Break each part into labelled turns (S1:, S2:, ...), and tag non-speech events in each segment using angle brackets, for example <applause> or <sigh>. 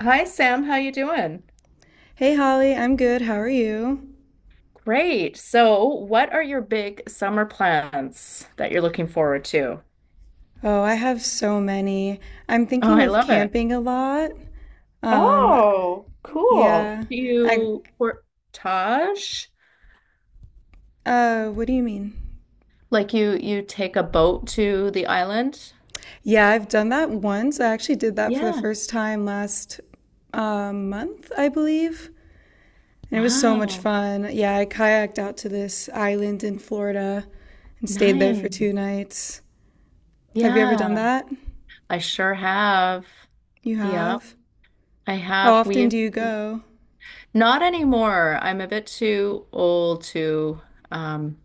S1: Hi Sam, how you doing?
S2: Hey, Holly, I'm good. How are you?
S1: Great. So, what are your big summer plans that you're looking forward to?
S2: Oh, I have so many. I'm
S1: Oh,
S2: thinking
S1: I
S2: of
S1: love it.
S2: camping a lot. Um,
S1: Oh, cool.
S2: yeah.
S1: Do
S2: I,
S1: you portage?
S2: what do you mean?
S1: Like you take a boat to the island?
S2: Yeah, I've done that once. I actually did that for the
S1: Yeah.
S2: first time last month, I believe. And it was so much
S1: Wow.
S2: fun. Yeah, I kayaked out to this island in Florida and stayed there for two
S1: Nice.
S2: nights. Have you ever done
S1: Yeah,
S2: that?
S1: I sure have.
S2: You
S1: Yep,
S2: have?
S1: I
S2: How
S1: have. We
S2: often
S1: used
S2: do you
S1: to.
S2: go?
S1: Not anymore. I'm a bit too old to um,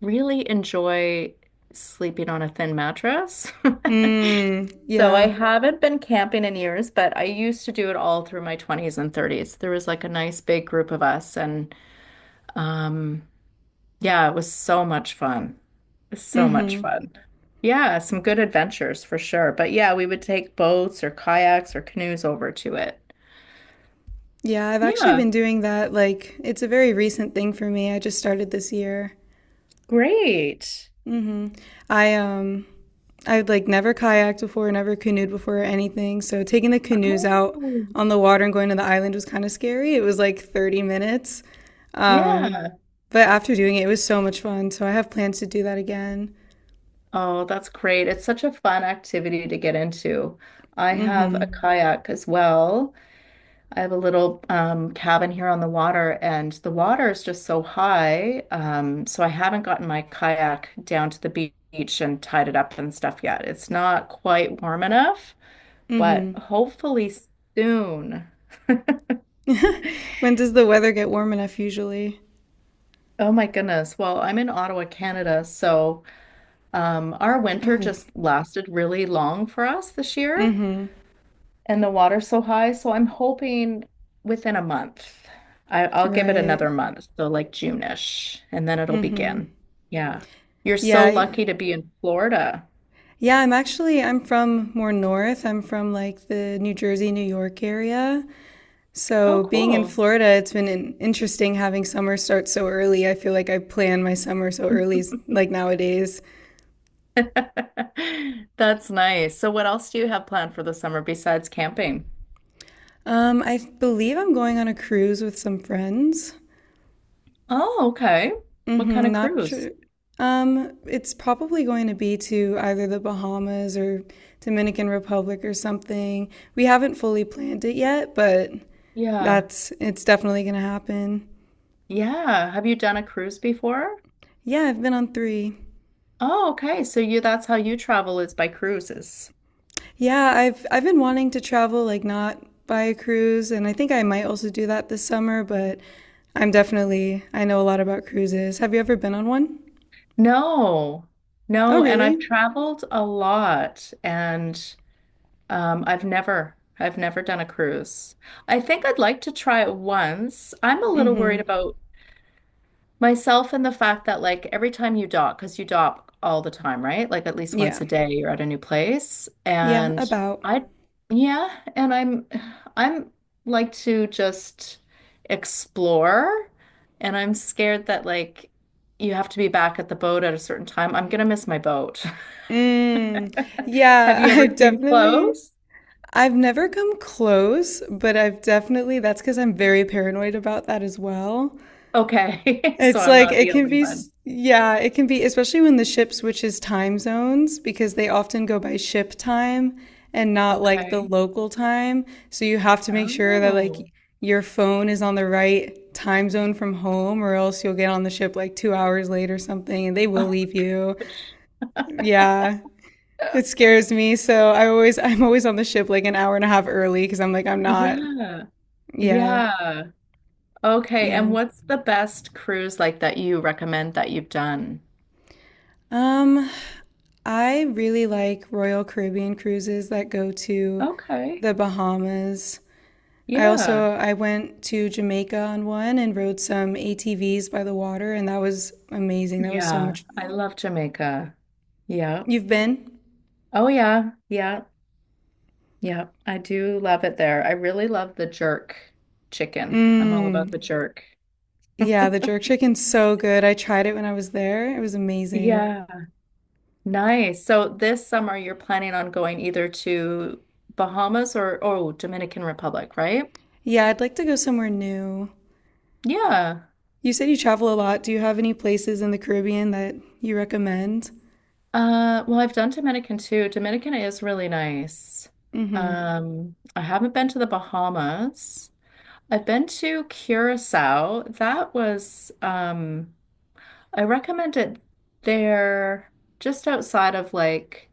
S1: really enjoy sleeping on a thin mattress. <laughs>
S2: Mm,
S1: So I
S2: yeah.
S1: haven't been camping in years, but I used to do it all through my 20s and 30s. There was like a nice big group of us, and um, yeah, it was so much fun. So much
S2: Mm-hmm.
S1: fun. Yeah, some good adventures for sure. But yeah, we would take boats or kayaks or canoes over to it.
S2: Yeah, I've actually
S1: Yeah,
S2: been doing that. Like, it's a very recent thing for me. I just started this year.
S1: great.
S2: hmm I um, I've like never kayaked before, never canoed before or anything. So taking the canoes out
S1: Oh.
S2: on the water and going to the island was kind of scary. It was like 30 minutes. Um,
S1: Yeah.
S2: but after doing it, it was so much fun. So I have plans to do that again.
S1: Oh, that's great. It's such a fun activity to get into. I have a kayak as well. I have a little cabin here on the water, and the water is just so high. So I haven't gotten my kayak down to the beach and tied it up and stuff yet. It's not quite warm enough, but
S2: hmm
S1: hopefully soon.
S2: <laughs> When does the weather get warm enough usually?
S1: Oh my goodness. Well, I'm in Ottawa, Canada, so our winter
S2: Oh,
S1: just lasted really long for us this year.
S2: hmm
S1: And the water's so high. So I'm hoping within a month. I'll give it
S2: Right.
S1: another month, so like June-ish, and then it'll
S2: hmm
S1: begin. Yeah. You're so
S2: Yeah.
S1: lucky to be in Florida.
S2: Yeah, I'm from more north. I'm from like the New Jersey, New York area.
S1: Oh,
S2: So being in
S1: cool.
S2: Florida, it's been interesting having summer start so early. I feel like I plan my summer so early, like nowadays.
S1: <laughs> That's nice. So what else do you have planned for the summer besides camping?
S2: I believe I'm going on a cruise with some friends.
S1: Oh, okay. What kind
S2: Mm-hmm,
S1: of
S2: not
S1: cruise?
S2: sure. It's probably going to be to either the Bahamas or Dominican Republic or something. We haven't fully planned it yet, but
S1: Yeah.
S2: that's it's definitely going to happen.
S1: Yeah. Have you done a cruise before?
S2: Yeah, I've been on three.
S1: Oh, okay. So you that's how you travel is by cruises.
S2: Yeah, I've been wanting to travel, like not by a cruise, and I think I might also do that this summer, but I know a lot about cruises. Have you ever been on one?
S1: No,
S2: Oh,
S1: no, and I've
S2: really?
S1: traveled a lot and I've never done a cruise. I think I'd like to try it once. I'm a little worried
S2: Mm-hmm.
S1: about myself and the fact that like every time you dock, because you dock all the time, right? Like at least once
S2: Yeah.
S1: a day you're at a new place.
S2: Yeah,
S1: And
S2: about.
S1: I, yeah, and I'm like to just explore and I'm scared that like you have to be back at the boat at a certain time. I'm gonna miss my boat.
S2: Mm.
S1: <laughs> Have
S2: Yeah, <laughs>
S1: you ever came close?
S2: I've never come close, but I've definitely that's because I'm very paranoid about that as well.
S1: Okay. <laughs> So
S2: It's
S1: I'm
S2: like
S1: not
S2: it
S1: the
S2: can
S1: only
S2: be
S1: one.
S2: yeah, it can be, especially when the ship switches time zones because they often go by ship time and not like the
S1: Okay.
S2: local time. So you have to make sure that like
S1: Oh.
S2: your phone is on the right time zone from home or else you'll get on the ship like 2 hours late or something and they
S1: Oh
S2: will
S1: my
S2: leave you.
S1: gosh.
S2: Yeah. It
S1: <laughs>
S2: scares me, so I'm always on the ship like an hour and a half early because I'm not.
S1: Yeah.
S2: Yeah.
S1: Yeah. Okay,
S2: Yeah.
S1: and what's the best cruise like that you recommend that you've done?
S2: Um, I really like Royal Caribbean cruises that go to
S1: Okay.
S2: the Bahamas.
S1: Yeah.
S2: I went to Jamaica on one and rode some ATVs by the water, and that was amazing. That was so
S1: Yeah.
S2: much
S1: I
S2: fun.
S1: love Jamaica. Yeah.
S2: You've been?
S1: Oh yeah. Yeah. Yeah. I do love it there. I really love the jerk chicken. I'm all
S2: Mmm.
S1: about the jerk. <laughs>
S2: Yeah, the jerk chicken's so good. I tried it when I was there. It was amazing.
S1: Yeah. Nice. So this summer you're planning on going either to Bahamas or oh, Dominican Republic, right?
S2: Yeah, I'd like to go somewhere new.
S1: Yeah.
S2: You said you travel a lot. Do you have any places in the Caribbean that you recommend?
S1: Well, I've done Dominican too. Dominican is really nice.
S2: Mm-hmm.
S1: I haven't been to the Bahamas. I've been to Curacao. That was, I recommend it there just outside of like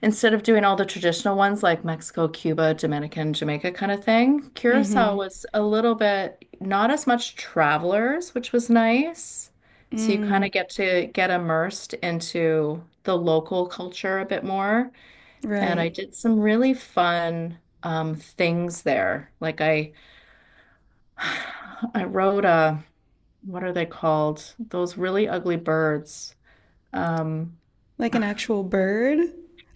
S1: instead of doing all the traditional ones like Mexico, Cuba, Dominican, Jamaica kind of thing, Curacao
S2: Mm-hmm.
S1: was a little bit not as much travelers, which was nice. So you kind
S2: Mm.
S1: of get to get immersed into the local culture a bit more. And I
S2: Right.
S1: did some really fun things there. <sighs> I rode a, what are they called? Those really ugly birds. Um,
S2: Like an actual bird?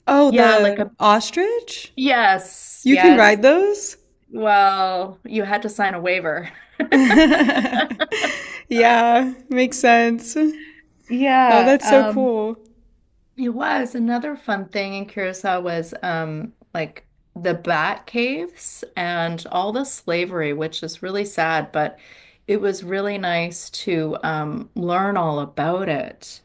S2: Oh,
S1: yeah, like
S2: the
S1: a,
S2: ostrich?
S1: yes,
S2: You can
S1: yes.
S2: ride those?
S1: Well, you had to sign a waiver. <laughs>
S2: <laughs> Yeah, makes sense. Oh,
S1: Yeah,
S2: that's so cool.
S1: it was another fun thing in Curacao was like the bat caves and all the slavery, which is really sad, but it was really nice to learn all about it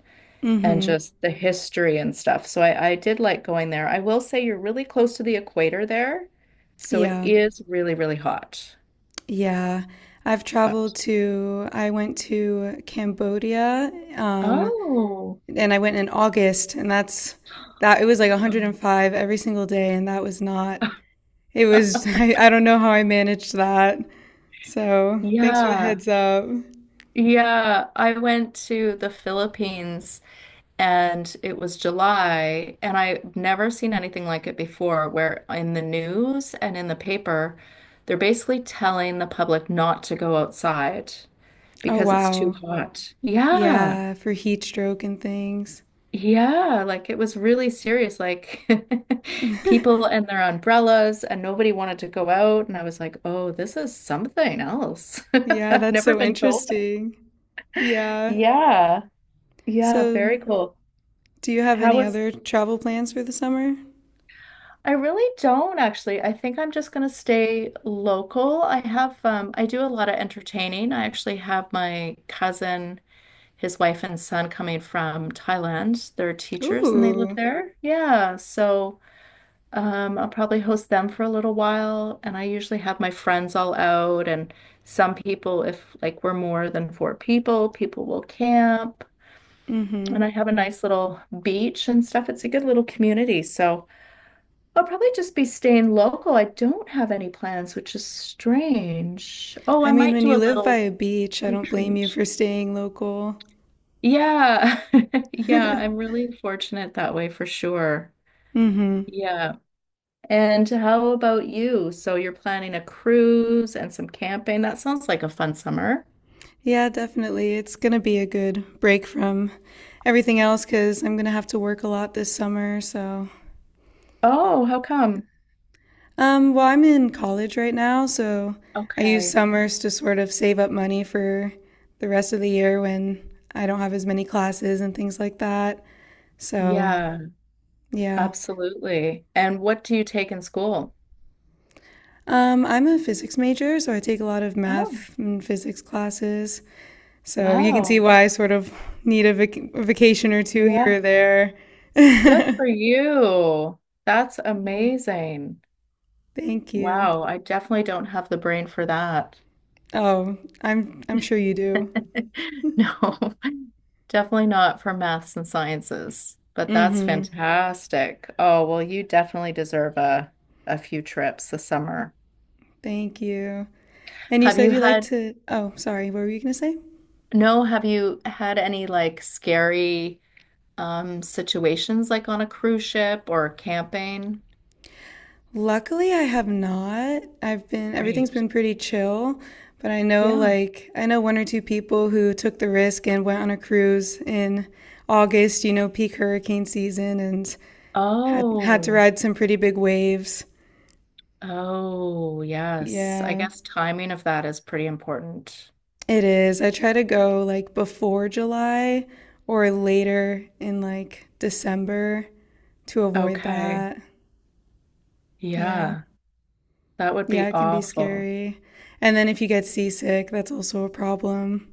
S1: and
S2: hmm
S1: just the history and stuff. So I did like going there. I will say you're really close to the equator there, so it
S2: Yeah.
S1: is really, really hot.
S2: Yeah.
S1: But
S2: I went to Cambodia, um,
S1: oh.
S2: and I went in August, and that's that it was like 105 every single day, and that was not, it was, <laughs>
S1: <laughs>
S2: I don't know how I managed that. So thanks for the
S1: Yeah.
S2: heads up.
S1: Yeah, I went to the Philippines and it was July, and I've never seen anything like it before, where in the news and in the paper, they're basically telling the public not to go outside
S2: Oh,
S1: because it's too
S2: wow.
S1: hot. Yeah.
S2: Yeah, for heat stroke and things.
S1: Yeah, like it was really serious. Like <laughs> people and their umbrellas, and nobody wanted to go out. And I was like, oh, this is something else. <laughs>
S2: Yeah,
S1: I've
S2: that's
S1: never
S2: so
S1: been told.
S2: interesting. Yeah.
S1: Yeah. Yeah,
S2: So,
S1: very cool.
S2: do you have
S1: How
S2: any
S1: was
S2: other travel plans for the summer?
S1: I really don't actually. I think I'm just gonna stay local. I have I do a lot of entertaining. I actually have my cousin, his wife and son coming from Thailand. They're teachers and they live
S2: Ooh.
S1: there. Yeah, so I'll probably host them for a little while and I usually have my friends all out and some people if like we're more than four people, people will camp
S2: Mm-hmm.
S1: and I have a nice little beach and stuff. It's a good little community. So I'll probably just be staying local. I don't have any plans, which is strange. Oh,
S2: I
S1: I
S2: mean,
S1: might
S2: when
S1: do a
S2: you live by
S1: little
S2: a beach, I don't blame
S1: retreat.
S2: you for staying local.
S1: Yeah. <laughs> Yeah, I'm
S2: <laughs>
S1: really fortunate that way for sure.
S2: Mm-hmm.
S1: Yeah. And how about you? So you're planning a cruise and some camping. That sounds like a fun summer.
S2: Yeah, definitely. It's gonna be a good break from everything else because I'm gonna have to work a lot this summer, so.
S1: Oh, how come?
S2: Well, I'm in college right now, so I use
S1: Okay.
S2: summers to sort of save up money for the rest of the year when I don't have as many classes and things like that. So,
S1: Yeah,
S2: yeah.
S1: absolutely. And what do you take in school?
S2: I'm a physics major, so I take a lot of
S1: Oh,
S2: math and physics classes. So you can see
S1: wow.
S2: why I sort of need a, a vacation or two here or there.
S1: Good
S2: <laughs>
S1: for you. That's
S2: Mhm.
S1: amazing.
S2: Thank you.
S1: Wow, I definitely don't have the brain for that.
S2: Oh, I'm sure
S1: <laughs>
S2: you do.
S1: No, <laughs> definitely not for maths and sciences, but that's
S2: hmm
S1: fantastic. Oh, well, you definitely deserve a few trips this summer.
S2: Thank you. And you
S1: Have
S2: said
S1: you
S2: you like
S1: had,
S2: to, oh, sorry, what were you going to say?
S1: no, have you had any like scary situations like on a cruise ship or camping?
S2: Luckily, I have not. Everything's
S1: Great.
S2: been pretty chill, but
S1: Yeah.
S2: I know one or two people who took the risk and went on a cruise in August, you know, peak hurricane season and had to
S1: Oh.
S2: ride some pretty big waves.
S1: Oh, yes. I
S2: Yeah,
S1: guess timing of that is pretty important.
S2: it is. I try to go like before July or later in like December to avoid
S1: Okay.
S2: that. Yeah.
S1: Yeah, that would
S2: Yeah,
S1: be
S2: it can be
S1: awful.
S2: scary. And then if you get seasick, that's also a problem.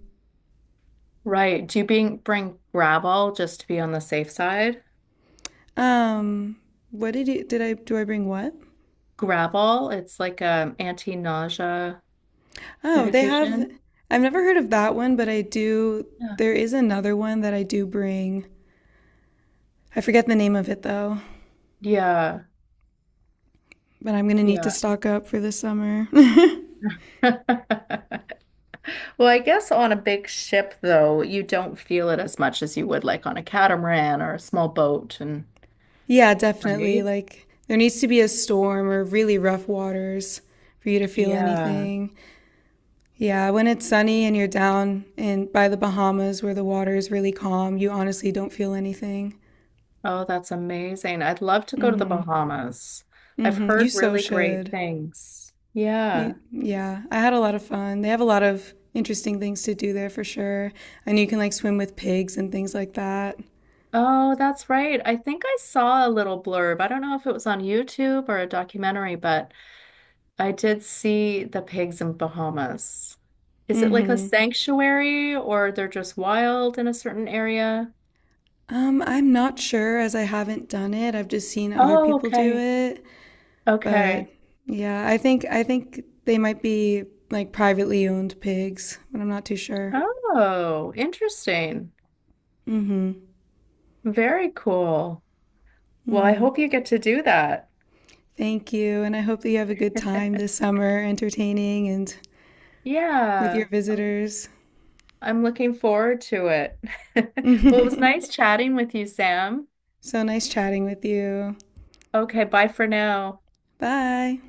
S1: Right. Do you bring Gravol just to be on the safe side?
S2: Um, what did you did I do I bring what?
S1: Gravol, it's like anti-nausea
S2: Oh, they have
S1: medication.
S2: I've never heard of that one, but I do
S1: Yeah.
S2: there is another one that I do bring. I forget the name of it though,
S1: Yeah.
S2: but I'm going to need to
S1: Yeah.
S2: stock up for the summer.
S1: <laughs> Well, I guess on a big ship though, you don't feel it as much as you would like on a catamaran or a small boat and
S2: <laughs> Yeah, definitely.
S1: right.
S2: Like there needs to be a storm or really rough waters for you to feel
S1: Yeah.
S2: anything. Yeah, when it's sunny and you're down in by the Bahamas where the water is really calm, you honestly don't feel anything.
S1: Oh, that's amazing. I'd love to go to the Bahamas. I've
S2: You
S1: heard
S2: so
S1: really great
S2: should.
S1: things. Yeah.
S2: Yeah, I had a lot of fun. They have a lot of interesting things to do there for sure. I know you can like swim with pigs and things like that.
S1: Oh, that's right. I think I saw a little blurb. I don't know if it was on YouTube or a documentary, but I did see the pigs in Bahamas. Is it like a
S2: hmm
S1: sanctuary or they're just wild in a certain area?
S2: I'm not sure as I haven't done it. I've just seen other
S1: Oh,
S2: people do
S1: okay.
S2: it, but
S1: Okay.
S2: yeah, I think they might be like privately owned pigs, but I'm not too sure.
S1: Oh, interesting. Very cool. Well, I hope you get to do that. <laughs>
S2: Thank you. And I hope that you have a good time this summer entertaining and with
S1: Yeah.
S2: your visitors.
S1: I'm looking forward to it.
S2: <laughs>
S1: <laughs>
S2: So
S1: Well, it was nice chatting with you, Sam.
S2: nice chatting with you.
S1: Okay, bye for now.
S2: Bye.